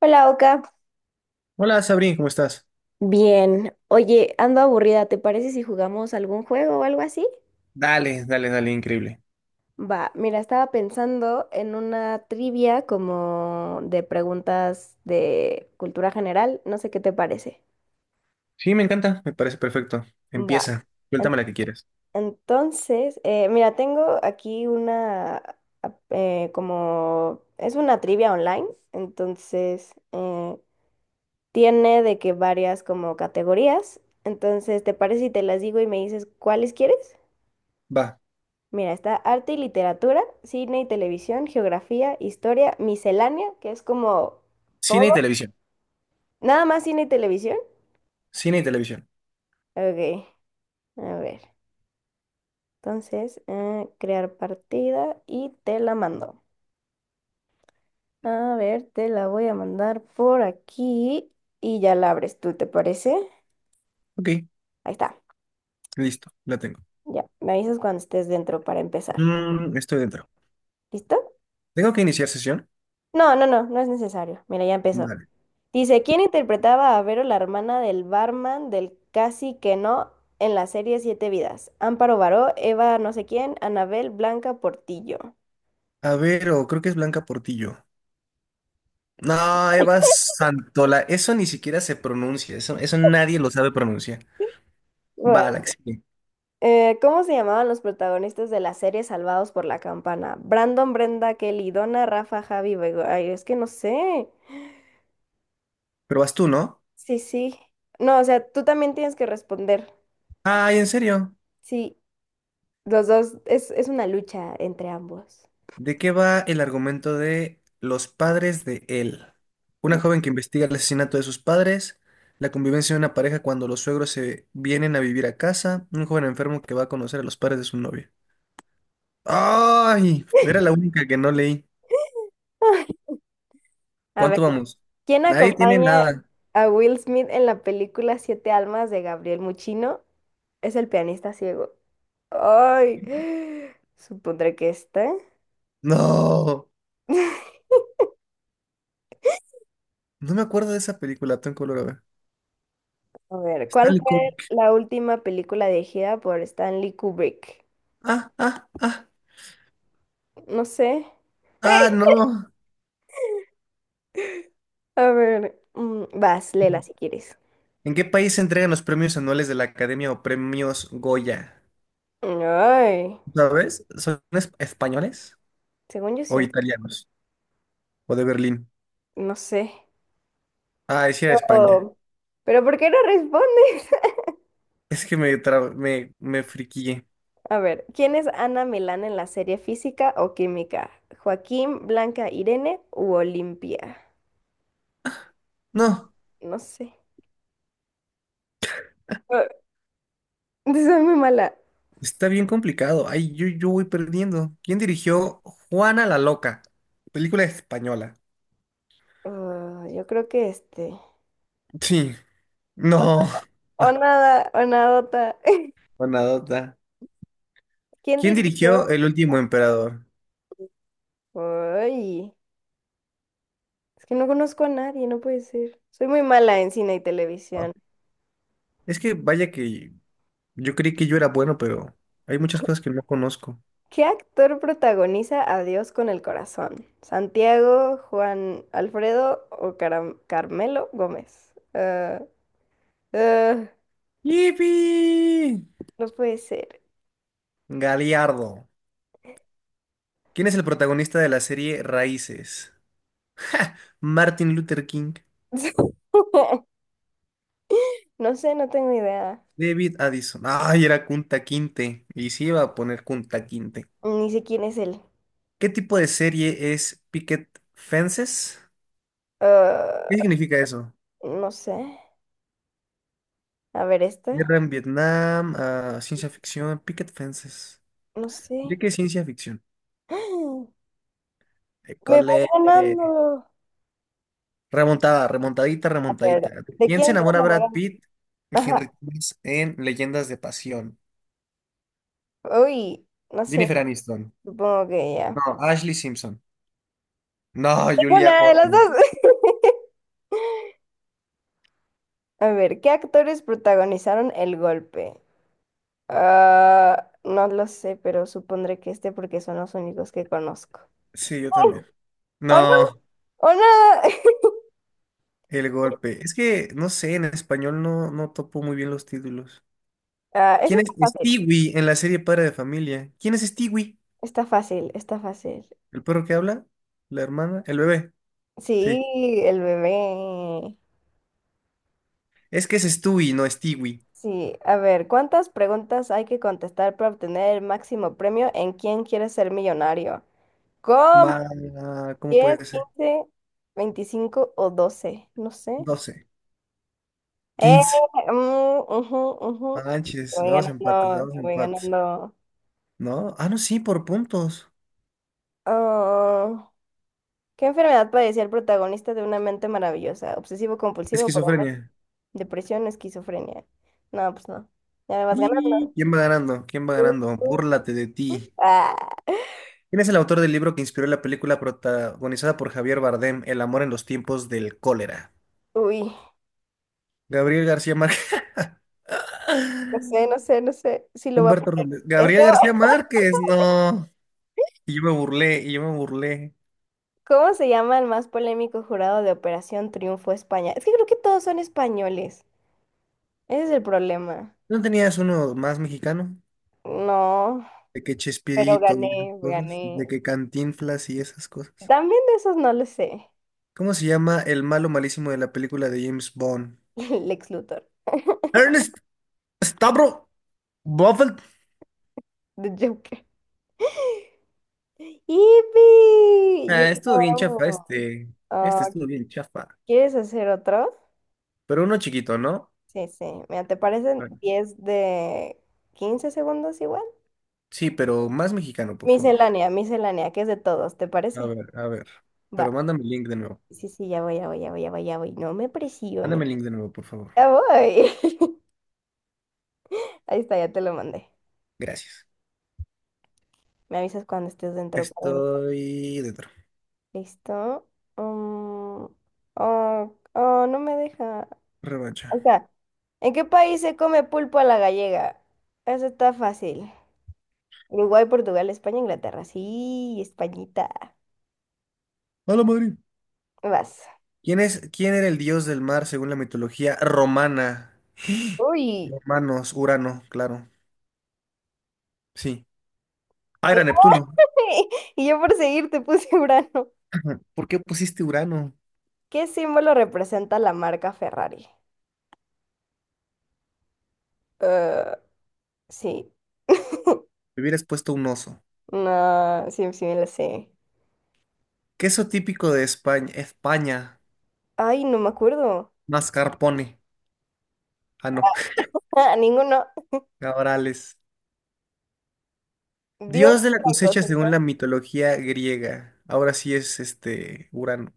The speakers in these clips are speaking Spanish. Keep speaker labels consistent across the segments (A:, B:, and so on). A: Hola, Oka.
B: Hola Sabrina, ¿cómo estás?
A: Bien. Oye, ando aburrida. ¿Te parece si jugamos algún juego o algo así?
B: Dale, dale, dale, increíble.
A: Va, mira, estaba pensando en una trivia como de preguntas de cultura general. No sé qué te parece.
B: Sí, me encanta, me parece perfecto.
A: Va.
B: Empieza,
A: En-
B: suéltame la que quieras.
A: Entonces, mira, tengo aquí una como es una trivia online, entonces tiene de que varias como categorías. Entonces, ¿te parece si te las digo y me dices cuáles quieres?
B: Va,
A: Mira, está arte y literatura, cine y televisión, geografía, historia, miscelánea, que es como
B: cine y
A: todo.
B: televisión.
A: Nada más cine y televisión.
B: Cine y televisión.
A: Ok, a ver. Entonces, crear partida y te la mando. A ver, te la voy a mandar por aquí y ya la abres tú, ¿te parece?
B: Ok,
A: Ahí está.
B: listo, la tengo.
A: Ya, me avisas cuando estés dentro para empezar.
B: Mm, estoy dentro.
A: ¿Listo?
B: ¿Tengo que iniciar sesión?
A: No, no, no, no es necesario. Mira, ya empezó.
B: Vale.
A: Dice, ¿quién interpretaba a Vero, la hermana del barman del Casi que no en la serie Siete Vidas? Amparo Baró, Eva no sé quién, Anabel Blanca Portillo.
B: A ver, o creo que es Blanca Portillo. No, Eva Santola, eso ni siquiera se pronuncia, eso nadie lo sabe pronunciar. Va, la
A: Bueno,
B: que sigue.
A: ¿cómo se llamaban los protagonistas de la serie Salvados por la Campana? Brandon, Brenda, Kelly, Donna, Rafa, Javi, Bego. Ay, es que no sé.
B: Pero vas tú, ¿no?
A: Sí, sí. No, o sea, tú también tienes que responder.
B: Ay, ¿en serio?
A: Sí, los dos, es una lucha entre ambos.
B: ¿De qué va el argumento de Los padres de él? Una joven que investiga el asesinato de sus padres, la convivencia de una pareja cuando los suegros se vienen a vivir a casa, un joven enfermo que va a conocer a los padres de su novia. ¡Ay! Era la única que no leí.
A: A ver.
B: ¿Cuánto vamos?
A: ¿Quién
B: Nadie tiene
A: acompaña
B: nada.
A: a Will Smith en la película Siete Almas de Gabriel Muchino? Es el pianista ciego. Ay, supondré que está.
B: No, no me acuerdo de esa película, tengo que volver a ver.
A: A ver, ¿cuál
B: Stanley
A: fue
B: Kubrick.
A: la última película dirigida por Stanley Kubrick?
B: Ah, ah, ah,
A: No sé.
B: no.
A: A ver, vas, léela si quieres.
B: ¿En qué país se entregan los premios anuales de la Academia o premios Goya?
A: Ay,
B: ¿Sabes? ¿Son españoles
A: según yo
B: o
A: sí.
B: italianos? ¿O de Berlín?
A: No sé.
B: Ah, decía España.
A: Oh, pero ¿por qué no responde?
B: Es que me friquillé.
A: A ver, ¿quién es Ana Milán en la serie Física o Química? ¿Joaquín, Blanca, Irene u Olimpia?
B: No,
A: No sé. Ah, soy muy mala.
B: está bien complicado. Ay, yo voy perdiendo. ¿Quién dirigió Juana la Loca? Película española.
A: Ah, yo creo que este.
B: Sí. No.
A: O
B: Ah,
A: nada, o nadota.
B: Buenadota.
A: ¿Quién
B: ¿Quién
A: dirigió?
B: dirigió El último emperador?
A: Ay, es que no conozco a nadie, no puede ser. Soy muy mala en cine y
B: Ah,
A: televisión.
B: es que vaya que yo creí que yo era bueno, pero hay muchas cosas que no conozco.
A: ¿Qué actor protagoniza Adiós con el corazón? ¿Santiago, Juan Alfredo o Carmelo Gómez? Ah, ah.
B: ¡Yipi!
A: No puede ser.
B: Galiardo. ¿Quién es el protagonista de la serie Raíces? Martin Luther King,
A: No sé, no tengo idea.
B: David Addison. Ay, era Kunta Quinte. Y sí iba a poner Kunta Quinte.
A: Ni sé quién es él.
B: ¿Qué tipo de serie es Picket Fences?
A: Ah,
B: ¿Qué significa eso?
A: no sé. A ver, esta.
B: Guerra en Vietnam, ah, ciencia ficción, Picket Fences.
A: No sé.
B: ¿De qué ciencia ficción?
A: ¡Ah! Me vas
B: École,
A: ganando.
B: remontada, remontadita,
A: A
B: remontadita.
A: ver, ¿de
B: ¿Quién se
A: quién se
B: enamora de Brad
A: enamoró?
B: Pitt y
A: Ajá.
B: Henry Cavill en Leyendas de Pasión?
A: Uy, no sé.
B: Jennifer Aniston.
A: Supongo que ya.
B: No, Ashley Simpson. No,
A: Tengo
B: Julia
A: nada de las dos.
B: Orban.
A: A ver, ¿qué actores protagonizaron el golpe? Ah, no lo sé, pero supondré que este porque son los únicos que conozco.
B: Sí, yo también.
A: ¡O no!
B: No,
A: ¡O no!
B: el golpe. Es que, no sé, en español no topo muy bien los títulos.
A: Ah, eso
B: ¿Quién
A: está
B: es
A: fácil.
B: Stewie en la serie Padre de Familia? ¿Quién es Stewie?
A: Está fácil, está fácil.
B: ¿El perro que habla? ¿La hermana? ¿El bebé? Sí.
A: Sí, el bebé.
B: Es que es Stewie, no Stewie.
A: Sí, a ver, ¿cuántas preguntas hay que contestar para obtener el máximo premio en ¿Quién quiere ser millonario? ¿Cómo?
B: Ma... ¿Cómo
A: 10,
B: puede ser?
A: 15, 25 o 12. No sé.
B: 12.
A: Eh,
B: 15.
A: mm, ujú,
B: No
A: ujú.
B: Manches,
A: Te voy
B: dos empates,
A: ganando,
B: dos
A: te voy
B: empates.
A: ganando.
B: No, ah, no, sí, por puntos.
A: Ah, ¿qué enfermedad padecía el protagonista de Una mente maravillosa? Obsesivo compulsivo, por
B: Esquizofrenia.
A: depresión, esquizofrenia. No, pues no. Ya me vas
B: ¿Y
A: ganando.
B: quién va ganando? ¿Quién va
A: Uh,
B: ganando?
A: uh,
B: Búrlate de ti.
A: ah.
B: ¿Quién es el autor del libro que inspiró la película protagonizada por Javier Bardem, El amor en los tiempos del cólera?
A: Uy,
B: Gabriel García Márquez.
A: no sé, no sé, no sé si lo voy a
B: Humberto
A: poner.
B: Robles.
A: Eso,
B: Gabriel García Márquez, no. Y yo me burlé, y yo me burlé.
A: ¿cómo se llama el más polémico jurado de Operación Triunfo España? Es que creo que todos son españoles. Ese es el problema.
B: ¿No tenías uno más mexicano?
A: No,
B: De que
A: pero
B: Chespirito y esas
A: gané,
B: cosas,
A: gané.
B: de que Cantinflas y esas cosas.
A: También de esos no lo sé.
B: ¿Cómo se llama el malo malísimo de la película de James Bond?
A: Lex Luthor,
B: Ernest Stavro Buffett.
A: The Joker. ¡Yipi! Ya
B: Ah, estuvo bien chafa
A: acabamos.
B: este. Este
A: Ah,
B: estuvo bien chafa.
A: ¿quieres hacer otro?
B: Pero uno chiquito, ¿no?
A: Sí, sí. Mira, ¿te parecen 10 de 15 segundos igual?
B: Sí, pero más mexicano, por favor.
A: Miscelánea, miscelánea, que es de todos, ¿te
B: A
A: parece?
B: ver, a ver.
A: Va.
B: Pero mándame el link de nuevo.
A: Sí, sí, ya voy, ya voy, ya voy, ya voy, ya voy. No me presiones.
B: Mándame el link de nuevo, por favor.
A: Ya voy. Ahí está, ya te lo mandé.
B: Gracias.
A: Me avisas cuando estés dentro, Karina.
B: Estoy dentro.
A: ¿Listo? Mm, oh, oh, no me deja. Ahí
B: Revancha.
A: está. ¿En qué país se come pulpo a la gallega? Eso está fácil. Uruguay, Portugal, España, Inglaterra. Sí, Españita.
B: Hola, Madrid.
A: Vas.
B: ¿Quién es, quién era el dios del mar según la mitología romana?
A: Uy.
B: Romanos, Urano, claro. Sí. Ah, era Neptuno.
A: Y yo por seguir te puse Urano.
B: ¿Por qué pusiste Urano?
A: ¿Qué símbolo representa la marca Ferrari? Eh, sí.
B: Me hubieras puesto un oso.
A: No, sí, sí me la sé.
B: Queso típico de España. España.
A: Ay, no me acuerdo.
B: Mascarpone. Ah, no.
A: Ah, ninguno.
B: Cabrales.
A: Dios
B: Dios de la
A: la
B: cosecha
A: cosecha.
B: según la mitología griega. Ahora sí es este Urano.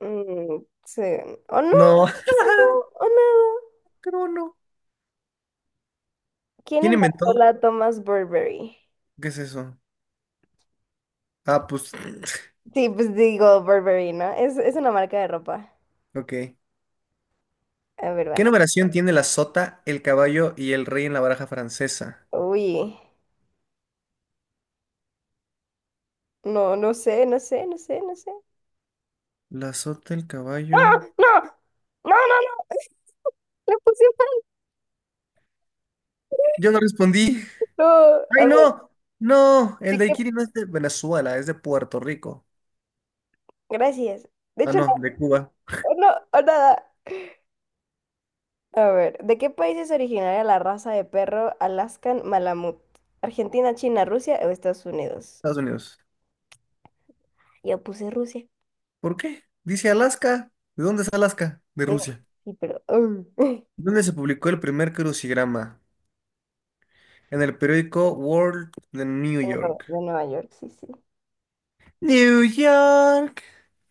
A: Mm, sí. ¿O no?
B: No,
A: ¿O no? ¿O nada?
B: Crono.
A: ¿Quién
B: ¿Quién
A: inventó
B: inventó?
A: la Thomas Burberry?
B: ¿Qué es eso? Ah, pues,
A: Sí, pues digo Burberry, ¿no? Es una marca de ropa.
B: ok.
A: A ver,
B: ¿Qué
A: vas.
B: numeración tiene la sota, el caballo y el rey en la baraja francesa?
A: Uy. No, no sé, no sé, no sé, no sé.
B: La sota, el caballo.
A: ¡Ah! ¡No! ¡No, no, no! Le puse mal.
B: Yo no respondí.
A: No, a
B: ¡Ay,
A: ver,
B: no! No, el
A: ¿de qué?
B: daiquiri no es de Venezuela, es de Puerto Rico.
A: Gracias. De
B: Ah,
A: hecho,
B: no, de Cuba,
A: no, no, o nada. A ver, ¿de qué país es originaria la raza de perro Alaskan Malamut? ¿Argentina, China, Rusia o Estados Unidos?
B: Estados Unidos.
A: Yo puse Rusia.
B: ¿Por qué? Dice Alaska. ¿De dónde es Alaska? De
A: Mm,
B: Rusia.
A: sí, pero... De
B: ¿Dónde se publicó el primer crucigrama? En el periódico World de New
A: Nueva
B: York.
A: de Nueva York, sí, sí.
B: New York,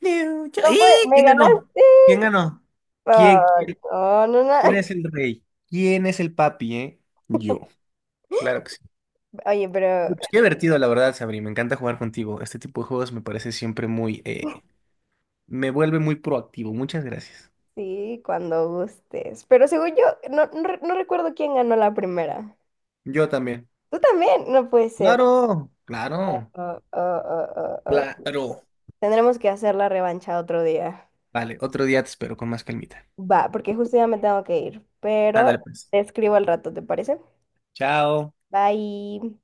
B: New York.
A: No
B: ¡Y!
A: fue, me
B: ¿Quién
A: ganaste.
B: ganó? ¿Quién ganó? ¿Quién,
A: Ah,
B: quién,
A: no, no, no.
B: ¿quién es el rey? ¿Quién es el papi, eh? Yo. Claro que sí.
A: Oye, pero
B: Pues qué divertido, la verdad, Sabri. Me encanta jugar contigo. Este tipo de juegos me parece siempre muy... me vuelve muy proactivo. Muchas gracias.
A: sí, cuando gustes. Pero según yo, no, no, no recuerdo quién ganó la primera.
B: Yo también.
A: Tú también, no puede ser.
B: Claro,
A: Oh,
B: claro,
A: oh, oh, oh, oh.
B: claro.
A: Tendremos que hacer la revancha otro día.
B: Vale, otro día te espero con más calmita.
A: Va, porque justo ya me tengo que ir,
B: Ándale,
A: pero
B: pues.
A: te escribo al rato, ¿te parece?
B: Chao.
A: Bye.